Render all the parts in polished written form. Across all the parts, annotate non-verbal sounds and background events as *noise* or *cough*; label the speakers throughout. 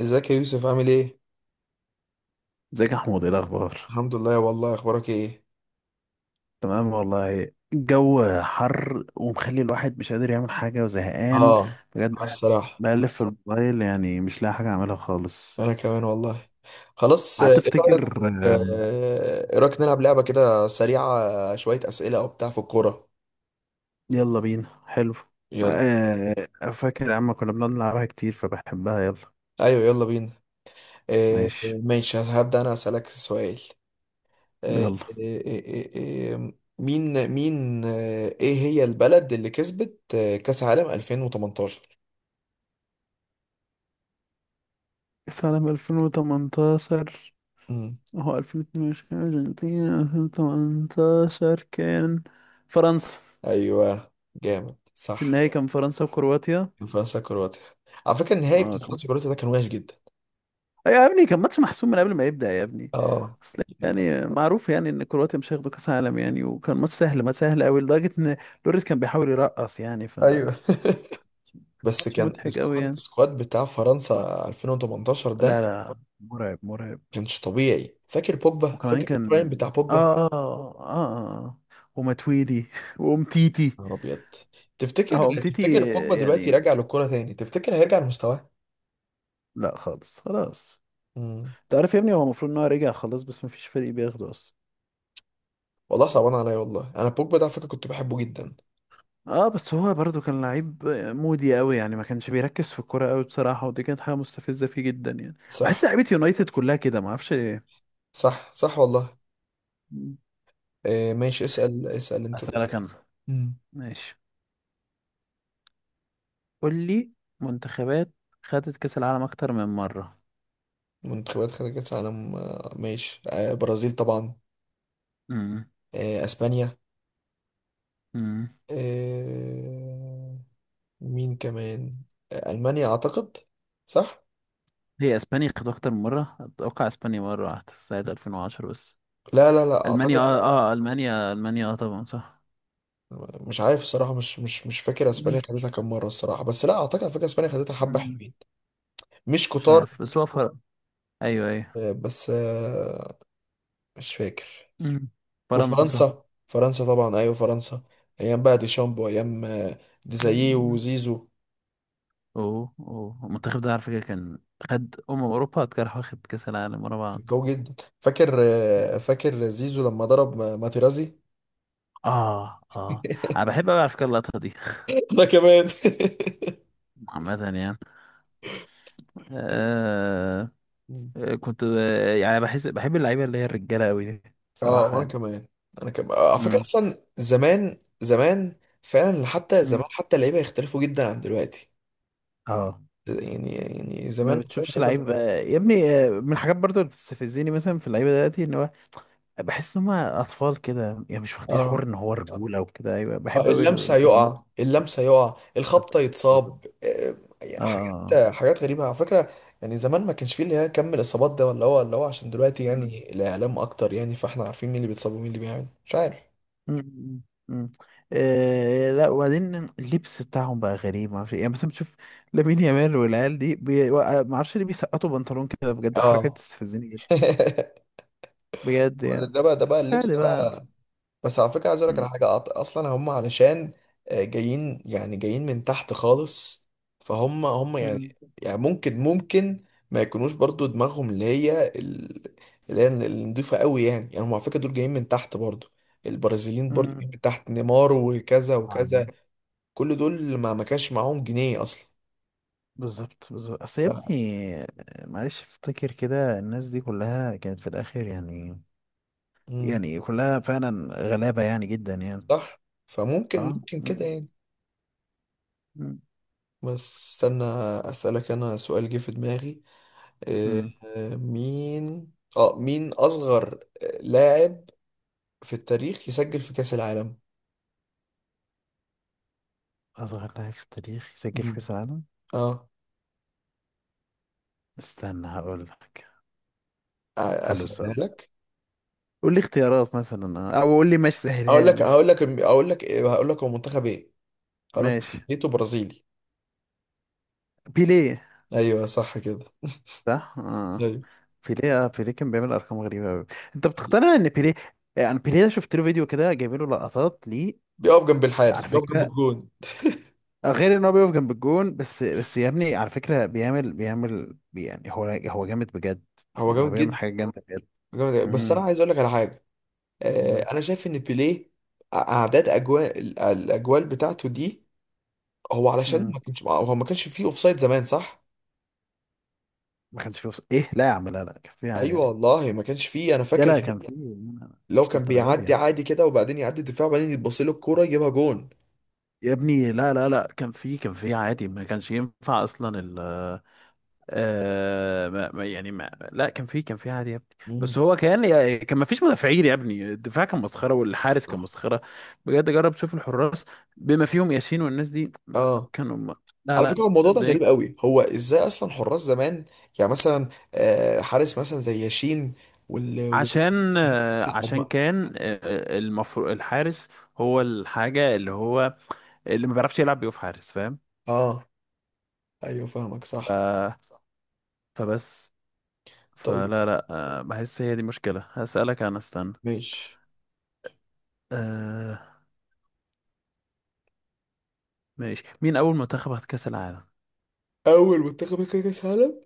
Speaker 1: ازيك يا يوسف؟ عامل ايه؟
Speaker 2: ازيك يا محمود، ايه الاخبار؟
Speaker 1: الحمد لله والله، اخبارك ايه؟
Speaker 2: تمام والله، الجو حر ومخلي الواحد مش قادر يعمل حاجه
Speaker 1: اه.
Speaker 2: وزهقان بجد.
Speaker 1: آه،
Speaker 2: قاعد
Speaker 1: الصراحة.
Speaker 2: بقلب في بس الموبايل، يعني مش لاقي حاجه اعملها خالص.
Speaker 1: انا كمان والله. خلاص. ايه رأيك؟
Speaker 2: هتفتكر. آم،
Speaker 1: ايه رأيك نلعب لعبة كده سريعة؟ شوية اسئلة او بتاع في الكورة.
Speaker 2: يلا بينا، حلو.
Speaker 1: يلا.
Speaker 2: فاكر يا عم كنا بنقعد نلعبها كتير فبحبها؟ يلا.
Speaker 1: ايوه يلا بينا.
Speaker 2: ماشي،
Speaker 1: ماشي، هبدأ انا اسألك سؤال. آه، آه،
Speaker 2: يلا.
Speaker 1: آه، آه، آه، مين ايه هي البلد اللي كسبت كأس عالم 2018؟
Speaker 2: سنة 2018.
Speaker 1: مم.
Speaker 2: هو 2022 أرجنتين، 2018 كان فرنسا.
Speaker 1: ايوه، جامد
Speaker 2: في
Speaker 1: صح.
Speaker 2: النهاية كان فرنسا وكرواتيا.
Speaker 1: فرنسا كرواتيا. على فكرة النهائي
Speaker 2: اه
Speaker 1: بتاع
Speaker 2: كان.
Speaker 1: فرنسا كرواتيا ده كان وحش جدا.
Speaker 2: يا ابني كان ماتش محسوم من قبل ما يبدأ يا ابني.
Speaker 1: اه.
Speaker 2: اصل يعني معروف يعني ان كرواتيا مش هياخدوا كاس عالم يعني، وكان ماتش سهل ما سهل قوي لدرجة ان لوريس كان بيحاول يرقص يعني، ف
Speaker 1: ايوه. *laughs* بس
Speaker 2: ماتش
Speaker 1: كان
Speaker 2: مضحك قوي
Speaker 1: السكواد
Speaker 2: يعني.
Speaker 1: السكواد بتاع فرنسا 2018
Speaker 2: لا
Speaker 1: ده
Speaker 2: لا، مرعب مرعب.
Speaker 1: كانش طبيعي. فاكر بوجبا؟
Speaker 2: وكمان
Speaker 1: فاكر البرايم
Speaker 2: كان
Speaker 1: بتاع بوجبا يا
Speaker 2: اه اه اه, آه. ومتويدي *laughs* وامتيتي.
Speaker 1: نهار ابيض؟ تفتكر
Speaker 2: اه، امتيتي
Speaker 1: تفتكر بوجبا دلوقتي
Speaker 2: يعني.
Speaker 1: راجع للكوره تاني؟ تفتكر هيرجع لمستواه؟
Speaker 2: لا، خالص خلاص.
Speaker 1: مم.
Speaker 2: تعرف يا ابني هو المفروض ان هو رجع خلاص، بس مفيش فريق بياخده اصلا.
Speaker 1: والله صعبان عليا والله، انا بوجبا ده على فكره كنت بحبه جدا.
Speaker 2: اه، بس هو برضو كان لعيب مودي قوي يعني، ما كانش بيركز في الكوره قوي بصراحه، ودي كانت حاجه مستفزه فيه جدا يعني.
Speaker 1: صح
Speaker 2: بحس لعيبه يونايتد كلها كده، ما اعرفش ليه.
Speaker 1: صح صح والله.
Speaker 2: مم.
Speaker 1: ماشي. اسال انت دول.
Speaker 2: اسالك انا.
Speaker 1: مم.
Speaker 2: ماشي، قول لي منتخبات خدت كاس العالم اكتر من مره.
Speaker 1: منتخبات خدت كاس عالم. ماشي. برازيل طبعا.
Speaker 2: امم
Speaker 1: اسبانيا.
Speaker 2: امم
Speaker 1: آه، مين كمان؟ المانيا اعتقد. صح.
Speaker 2: هي اسبانيا خدت اكتر من مره؟ اتوقع اسبانيا مره واحده سنه 2010 بس.
Speaker 1: لا لا لا،
Speaker 2: المانيا
Speaker 1: اعتقد.
Speaker 2: المانيا، اه، طبعا صح.
Speaker 1: مش عارف الصراحه، مش فاكر
Speaker 2: مم.
Speaker 1: اسبانيا خدتها كام مره الصراحه، بس لا اعتقد، على فكره اسبانيا خدتها حبه
Speaker 2: مم.
Speaker 1: حلوين. مش
Speaker 2: مش
Speaker 1: كتار.
Speaker 2: عارف، بس هو فرق. ايوه ايوه.
Speaker 1: آه، بس آه، مش فاكر.
Speaker 2: مم. فرنسا.
Speaker 1: وفرنسا طبعا، ايوه فرنسا. ايام بقى ديشامب وايام ديزاييه وزيزو.
Speaker 2: اوه اوه، المنتخب ده على فكرة كان خد أمم أوروبا، كان واخد كأس العالم ورا
Speaker 1: كان
Speaker 2: بعض.
Speaker 1: قوي جدا. فاكر فاكر زيزو لما ضرب ماتيرازي.
Speaker 2: اه اه. انا
Speaker 1: *laughs*
Speaker 2: بحب أوي على فكرة اللقطة دي.
Speaker 1: انا كمان.
Speaker 2: *laughs* عامة يعني. آه.
Speaker 1: *laughs*
Speaker 2: كنت يعني بحس بحب اللعيبة اللي هي الرجالة قوي دي
Speaker 1: اه،
Speaker 2: بصراحة
Speaker 1: وانا
Speaker 2: يعني.
Speaker 1: كمان. انا كمان على فكره،
Speaker 2: مم.
Speaker 1: اصلا زمان زمان فعلا. حتى
Speaker 2: مم.
Speaker 1: زمان حتى اللعيبه يختلفوا جدا عن دلوقتي.
Speaker 2: اه.
Speaker 1: يعني
Speaker 2: ما
Speaker 1: زمان فعلا
Speaker 2: بتشوفش
Speaker 1: اللعيبه.
Speaker 2: لعيب يا ابني. من الحاجات برضو اللي بتستفزني مثلا في اللعيبه دلوقتي، ان هو بحس ان هم اطفال كده يعني، مش واخدين حوار
Speaker 1: اه
Speaker 2: ان هو رجوله وكده. ايوه بحب
Speaker 1: اه
Speaker 2: قوي
Speaker 1: اللمسه
Speaker 2: زمان.
Speaker 1: يقع، اللمسه يقع، الخبطه
Speaker 2: بالظبط بالظبط.
Speaker 1: يتصاب يعني
Speaker 2: اه،
Speaker 1: حاجات حاجات غريبه على فكره. يعني زمان ما كانش فيه اللي هي كم الاصابات ده، ولا هو اللي هو عشان دلوقتي
Speaker 2: آه.
Speaker 1: يعني الاعلام اكتر، يعني فاحنا عارفين مين اللي بيتصاب ومين اللي بيعمل مش عارف.
Speaker 2: مم. مم. آه لا، وبعدين اللبس بتاعهم بقى غريب، ما اعرفش إيه. يعني مثلا بتشوف لامين يامال والعيال دي بي... ما اعرفش ليه بيسقطوا بنطلون كده، بجد حركه
Speaker 1: اه.
Speaker 2: تستفزني جدا
Speaker 1: *laughs*
Speaker 2: بجد
Speaker 1: ولا
Speaker 2: يعني.
Speaker 1: ده بقى،
Speaker 2: بس
Speaker 1: اللبس
Speaker 2: عادي بقى.
Speaker 1: بقى. بس على فكرة عايز اقول لك على
Speaker 2: مم.
Speaker 1: حاجة. اصلا هم علشان جايين، جايين من تحت خالص. فهم يعني.
Speaker 2: مم.
Speaker 1: يعني ممكن ما يكونوش برضو دماغهم اللي هي، اللي هي النضيفة قوي يعني. هم على فكرة دول جايين من تحت برضو. البرازيليين برضو
Speaker 2: مم.
Speaker 1: جايين من تحت، نيمار وكذا
Speaker 2: طبعاً
Speaker 1: وكذا.
Speaker 2: يعني.
Speaker 1: كل دول ما كانش معاهم جنيه اصلا.
Speaker 2: بالظبط بالظبط، اصل يا
Speaker 1: ف-
Speaker 2: ابني معلش افتكر كده الناس دي كلها كانت في الاخر يعني،
Speaker 1: مم.
Speaker 2: يعني كلها فعلا غلابه يعني جدا يعني.
Speaker 1: صح. فممكن
Speaker 2: اه.
Speaker 1: ممكن
Speaker 2: مم.
Speaker 1: كده يعني.
Speaker 2: مم.
Speaker 1: بس استنى، اسألك انا سؤال جه في دماغي.
Speaker 2: مم.
Speaker 1: مين اصغر لاعب في التاريخ يسجل في كأس العالم؟
Speaker 2: اصغر لاعب في التاريخ يسجل في
Speaker 1: مم.
Speaker 2: كاس العالم؟
Speaker 1: اه.
Speaker 2: استنى هقول لك. حلو السؤال
Speaker 1: اسهلها
Speaker 2: ده.
Speaker 1: لك.
Speaker 2: قول لي اختيارات مثلا، او قول لي ماشي، سهلها
Speaker 1: اقول
Speaker 2: لي.
Speaker 1: لك
Speaker 2: ماشي،
Speaker 1: هقول لك اقول لك هقول لك هو منتخب ايه. هقول لك
Speaker 2: ماشي.
Speaker 1: جنسيته برازيلي.
Speaker 2: بيليه.
Speaker 1: ايوه صح كده.
Speaker 2: صح، اه.
Speaker 1: ايوي.
Speaker 2: بيليه، بيليه كان بيعمل ارقام غريبه قوي. انت بتقتنع ان بيليه؟ يعني بيليه ده شفت له فيديو كده جايبين له لقطات ليه.
Speaker 1: بيقف جنب
Speaker 2: على
Speaker 1: الحارس، بيقف جنب
Speaker 2: فكره،
Speaker 1: الجون.
Speaker 2: غير ان هو بيقف جنب الجون، بس يا ابني على فكره بيعمل يعني، هو جامد بجد.
Speaker 1: هو
Speaker 2: يعني هو
Speaker 1: جامد
Speaker 2: بيعمل
Speaker 1: جدا.
Speaker 2: حاجه جامده بجد.
Speaker 1: جامد جدا. بس انا
Speaker 2: امم
Speaker 1: عايز اقول لك على حاجه.
Speaker 2: أمم،
Speaker 1: انا شايف ان بيليه، اعداد الاجوال بتاعته دي، هو علشان
Speaker 2: أمم.
Speaker 1: ما كانش فيه اوفسايد زمان، صح؟
Speaker 2: ما كانش فيه وص... ايه؟ لا يا عم، لا لا، كان فيه عادي
Speaker 1: ايوه
Speaker 2: يعني.
Speaker 1: والله ما كانش فيه، انا
Speaker 2: يا
Speaker 1: فاكر.
Speaker 2: لا، كان فيه.
Speaker 1: لو
Speaker 2: مش
Speaker 1: كان
Speaker 2: للدرجه دي
Speaker 1: بيعدي
Speaker 2: يعني.
Speaker 1: عادي كده، وبعدين يعدي الدفاع، وبعدين يتبص له الكوره يجيبها جون.
Speaker 2: يا ابني لا لا لا، كان في عادي، ما كانش ينفع اصلا ال آه ما ما- يعني ما لا، كان في عادي يا ابني.
Speaker 1: مم.
Speaker 2: بس هو كان، كان ما فيش مدافعين يا ابني. الدفاع كان مسخره، والحارس كان مسخره بجد. جرب تشوف الحراس بما فيهم ياسين والناس دي.
Speaker 1: اه.
Speaker 2: كانوا م-. لا
Speaker 1: على
Speaker 2: لا.
Speaker 1: فكره الموضوع ده
Speaker 2: الدنيا
Speaker 1: غريب
Speaker 2: كانت-.
Speaker 1: قوي، هو ازاي اصلا حراس زمان؟ يعني مثلا حارس مثلا زي ياشين وال وال
Speaker 2: عشان
Speaker 1: لا،
Speaker 2: عشان كان المفروض الحارس هو الحاجه اللي هو، اللي ما بيعرفش يلعب بيقف حارس، فاهم.
Speaker 1: اه. ايوه فاهمك صح.
Speaker 2: ف، فبس،
Speaker 1: طيب.
Speaker 2: فلا لا، بحس هي دي مشكلة. هسألك أنا، استنى.
Speaker 1: ماشي.
Speaker 2: أه، ماشي. مين أول منتخب خد كأس العالم؟
Speaker 1: اول منتخب كان كاس عالم،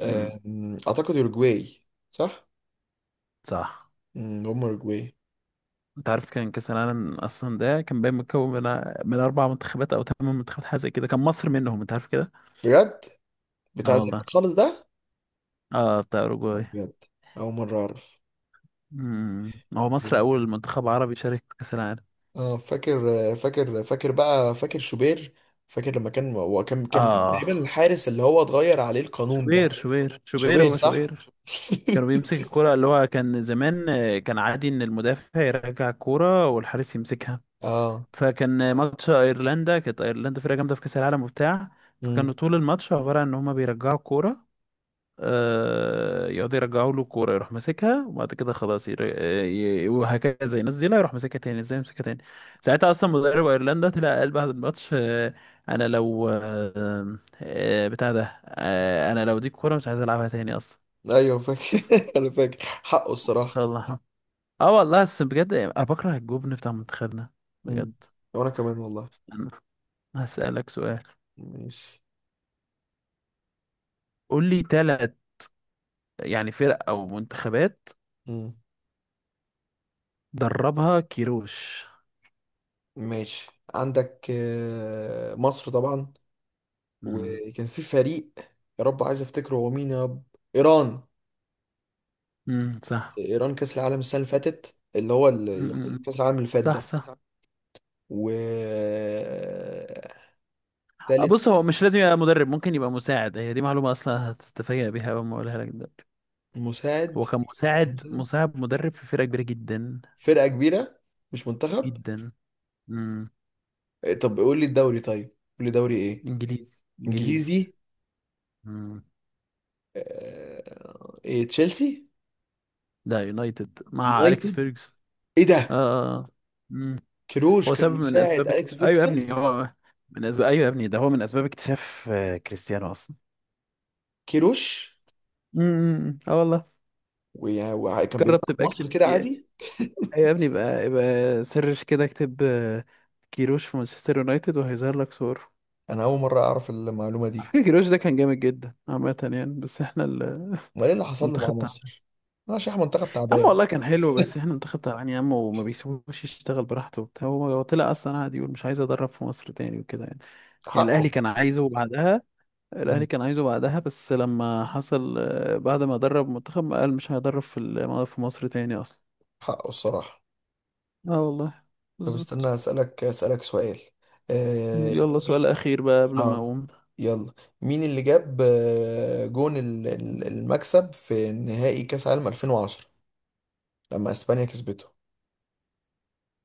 Speaker 2: مم.
Speaker 1: اعتقد اوروجواي، صح.
Speaker 2: صح.
Speaker 1: هم اوروجواي.
Speaker 2: أنت عارف كان كأس العالم أصلا ده كان باين متكون من، من أربع منتخبات أو ثمان منتخبات، حاجة زي كده، كان مصر منهم، أنت عارف كده؟
Speaker 1: بجد،
Speaker 2: أه
Speaker 1: بتاع زمان
Speaker 2: والله،
Speaker 1: خالص ده.
Speaker 2: أه بتاع أوروجواي.
Speaker 1: بجد اول مره اعرف.
Speaker 2: مم. هو مصر أول منتخب عربي شارك في كأس العالم.
Speaker 1: اه فاكر بقى، فاكر شوبير. فاكر لما كان، وكان مين
Speaker 2: أه،
Speaker 1: تقريبا الحارس اللي هو اتغير عليه القانون ده؟
Speaker 2: شوبير
Speaker 1: شوبير
Speaker 2: هو
Speaker 1: صح؟
Speaker 2: شوبير.
Speaker 1: *laughs*
Speaker 2: كانوا بيمسك الكرة، اللي هو كان زمان كان عادي إن المدافع يرجع الكرة والحارس يمسكها.
Speaker 1: اه.
Speaker 2: فكان ماتش ايرلندا، كانت ايرلندا فرقه جامده في كاس العالم وبتاع.
Speaker 1: امم
Speaker 2: فكانوا طول الماتش عباره عن ان هما بيرجعوا الكوره. يقعدوا يرجعوا له الكوره، يروح ماسكها، وبعد كده خلاص ير... ي... وهكذا، ينزلها يروح ماسكها تاني، ازاي يمسكها تاني. ساعتها اصلا مدرب ايرلندا طلع قال بعد الماتش انا لو آه بتاع ده آه انا لو دي الكوره مش عايز العبها تاني اصلا.
Speaker 1: ايوه فاكر. *laughs* انا فاكر حقه
Speaker 2: ما
Speaker 1: الصراحة.
Speaker 2: شاء الله. *laughs* اه والله، بس بجد انا بكره الجبن بتاع منتخبنا
Speaker 1: امم.
Speaker 2: بجد.
Speaker 1: وانا كمان والله.
Speaker 2: استنى، هسألك سؤال.
Speaker 1: ماشي.
Speaker 2: قول لي ثلاث، يعني فرق أو منتخبات
Speaker 1: امم.
Speaker 2: دربها كيروش.
Speaker 1: ماشي. عندك مصر طبعا،
Speaker 2: مم.
Speaker 1: وكان في فريق، يا رب عايز افتكره هو مين يا رب. ايران.
Speaker 2: مم. صح.
Speaker 1: ايران كاس العالم السنة اللي فاتت، اللي هو
Speaker 2: مم. مم.
Speaker 1: كاس العالم اللي فات
Speaker 2: صح
Speaker 1: ده.
Speaker 2: صح.
Speaker 1: وتالت.
Speaker 2: بص، هو مش لازم يبقى مدرب، ممكن يبقى مساعد. هي دي معلومة أصلا هتتفاجأ بيها أول ما أقولها لك دلوقتي.
Speaker 1: مساعد؟
Speaker 2: هو كان
Speaker 1: مش
Speaker 2: مساعد
Speaker 1: مساعد.
Speaker 2: مساعد مدرب في فرقة كبيرة جدا،
Speaker 1: فرقة كبيرة؟ مش منتخب.
Speaker 2: جدا. مم.
Speaker 1: إيه، طب قول لي الدوري طيب. قول لي دوري ايه.
Speaker 2: إنجليزي إنجليزي.
Speaker 1: انجليزي.
Speaker 2: مم.
Speaker 1: ايه، تشيلسي؟
Speaker 2: لا، يونايتد مع أليكس
Speaker 1: يونايتد؟
Speaker 2: فيرجسون.
Speaker 1: ايه
Speaker 2: آه،
Speaker 1: ده.
Speaker 2: آه. آه. مم.
Speaker 1: كيروش
Speaker 2: هو
Speaker 1: كان
Speaker 2: سبب من
Speaker 1: مساعد
Speaker 2: أسباب اكت...
Speaker 1: اليكس
Speaker 2: أيوه يا
Speaker 1: فيكتور؟
Speaker 2: ابني هو من أسباب، أيوه يا ابني، ده هو من أسباب اكتشاف كريستيانو أصلا.
Speaker 1: كيروش.
Speaker 2: اه والله.
Speaker 1: وكان بيلعب
Speaker 2: جرب
Speaker 1: في
Speaker 2: تبقى
Speaker 1: مصر
Speaker 2: اكتب
Speaker 1: كده
Speaker 2: كي...
Speaker 1: عادي؟
Speaker 2: أيوة يا ابني بقى، يبقى سرش كده، اكتب كيروش في مانشستر يونايتد، وهيظهر لك صور.
Speaker 1: انا اول مرة اعرف المعلومة
Speaker 2: على
Speaker 1: دي.
Speaker 2: فكرة كيروش ده كان جامد جدا عامة يعني، بس احنا ال-
Speaker 1: امال ايه اللي
Speaker 2: *laughs*
Speaker 1: حصل له مع
Speaker 2: المنتخب تعبان.
Speaker 1: مصر، عشان منتخب
Speaker 2: يا عم
Speaker 1: تعبان؟
Speaker 2: والله كان حلو، بس احنا المنتخب تعبان يا عم، وما بيسيبوش يشتغل براحته وبتاع. هو طلع اصلا قاعد يقول مش عايز ادرب في مصر تاني وكده يعني. يعني
Speaker 1: حقه،
Speaker 2: الاهلي كان عايزه بعدها. الاهلي كان عايزه بعدها، بس لما حصل بعد ما درب منتخب قال مش هيدرب في ال-، في مصر تاني اصلا.
Speaker 1: حقه الصراحة.
Speaker 2: اه والله.
Speaker 1: طب
Speaker 2: بالظبط.
Speaker 1: استنى أسألك سؤال. آه
Speaker 2: يلا
Speaker 1: مين-
Speaker 2: سؤال أخير بقى قبل ما
Speaker 1: آه
Speaker 2: أقوم.
Speaker 1: يلا. مين اللي جاب جون المكسب في نهائي كأس عالم 2010 لما إسبانيا كسبته؟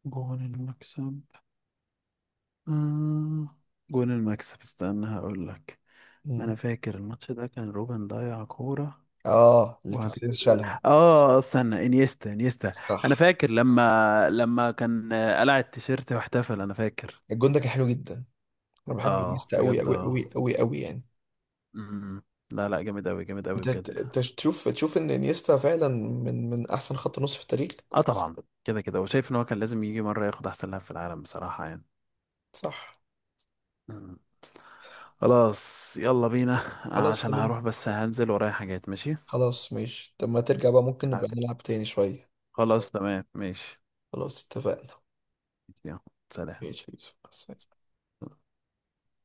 Speaker 2: جون المكسب. آه. جون المكسب، استنى هقول لك. ما
Speaker 1: مم.
Speaker 2: أنا فاكر الماتش ده كان روبن ضيع كورة،
Speaker 1: آه، اللي
Speaker 2: وبعد
Speaker 1: كاسياس
Speaker 2: كده
Speaker 1: شالها.
Speaker 2: استنى، إنيستا. أنا
Speaker 1: صح.
Speaker 2: فاكر لما كان قلع التيشيرت واحتفل، أنا فاكر.
Speaker 1: الجون ده كان حلو جدا. أنا بحب
Speaker 2: آه
Speaker 1: إنيستا أوي
Speaker 2: بجد،
Speaker 1: أوي
Speaker 2: آه.
Speaker 1: أوي أوي أوي يعني.
Speaker 2: م-. لا لا، جامد أوي جامد أوي بجد.
Speaker 1: أنت تشوف إن إنيستا فعلا من أحسن خط نص في التاريخ.
Speaker 2: آه طبعا، كده كده، وشايف إن هو كان لازم يجي مرة ياخد أحسن لاعب في العالم بصراحة
Speaker 1: صح.
Speaker 2: يعني. خلاص يلا بينا،
Speaker 1: خلاص
Speaker 2: عشان
Speaker 1: تمام.
Speaker 2: هروح، بس هنزل ورايا حاجات، ماشي.
Speaker 1: خلاص ماشي. طب ما ترجع بقى ممكن نبقى
Speaker 2: هت-.
Speaker 1: نلعب تاني شوية.
Speaker 2: خلاص تمام، ماشي.
Speaker 1: خلاص اتفقنا.
Speaker 2: يلا. سلام.
Speaker 1: ماشي يا يوسف، مع السلامة.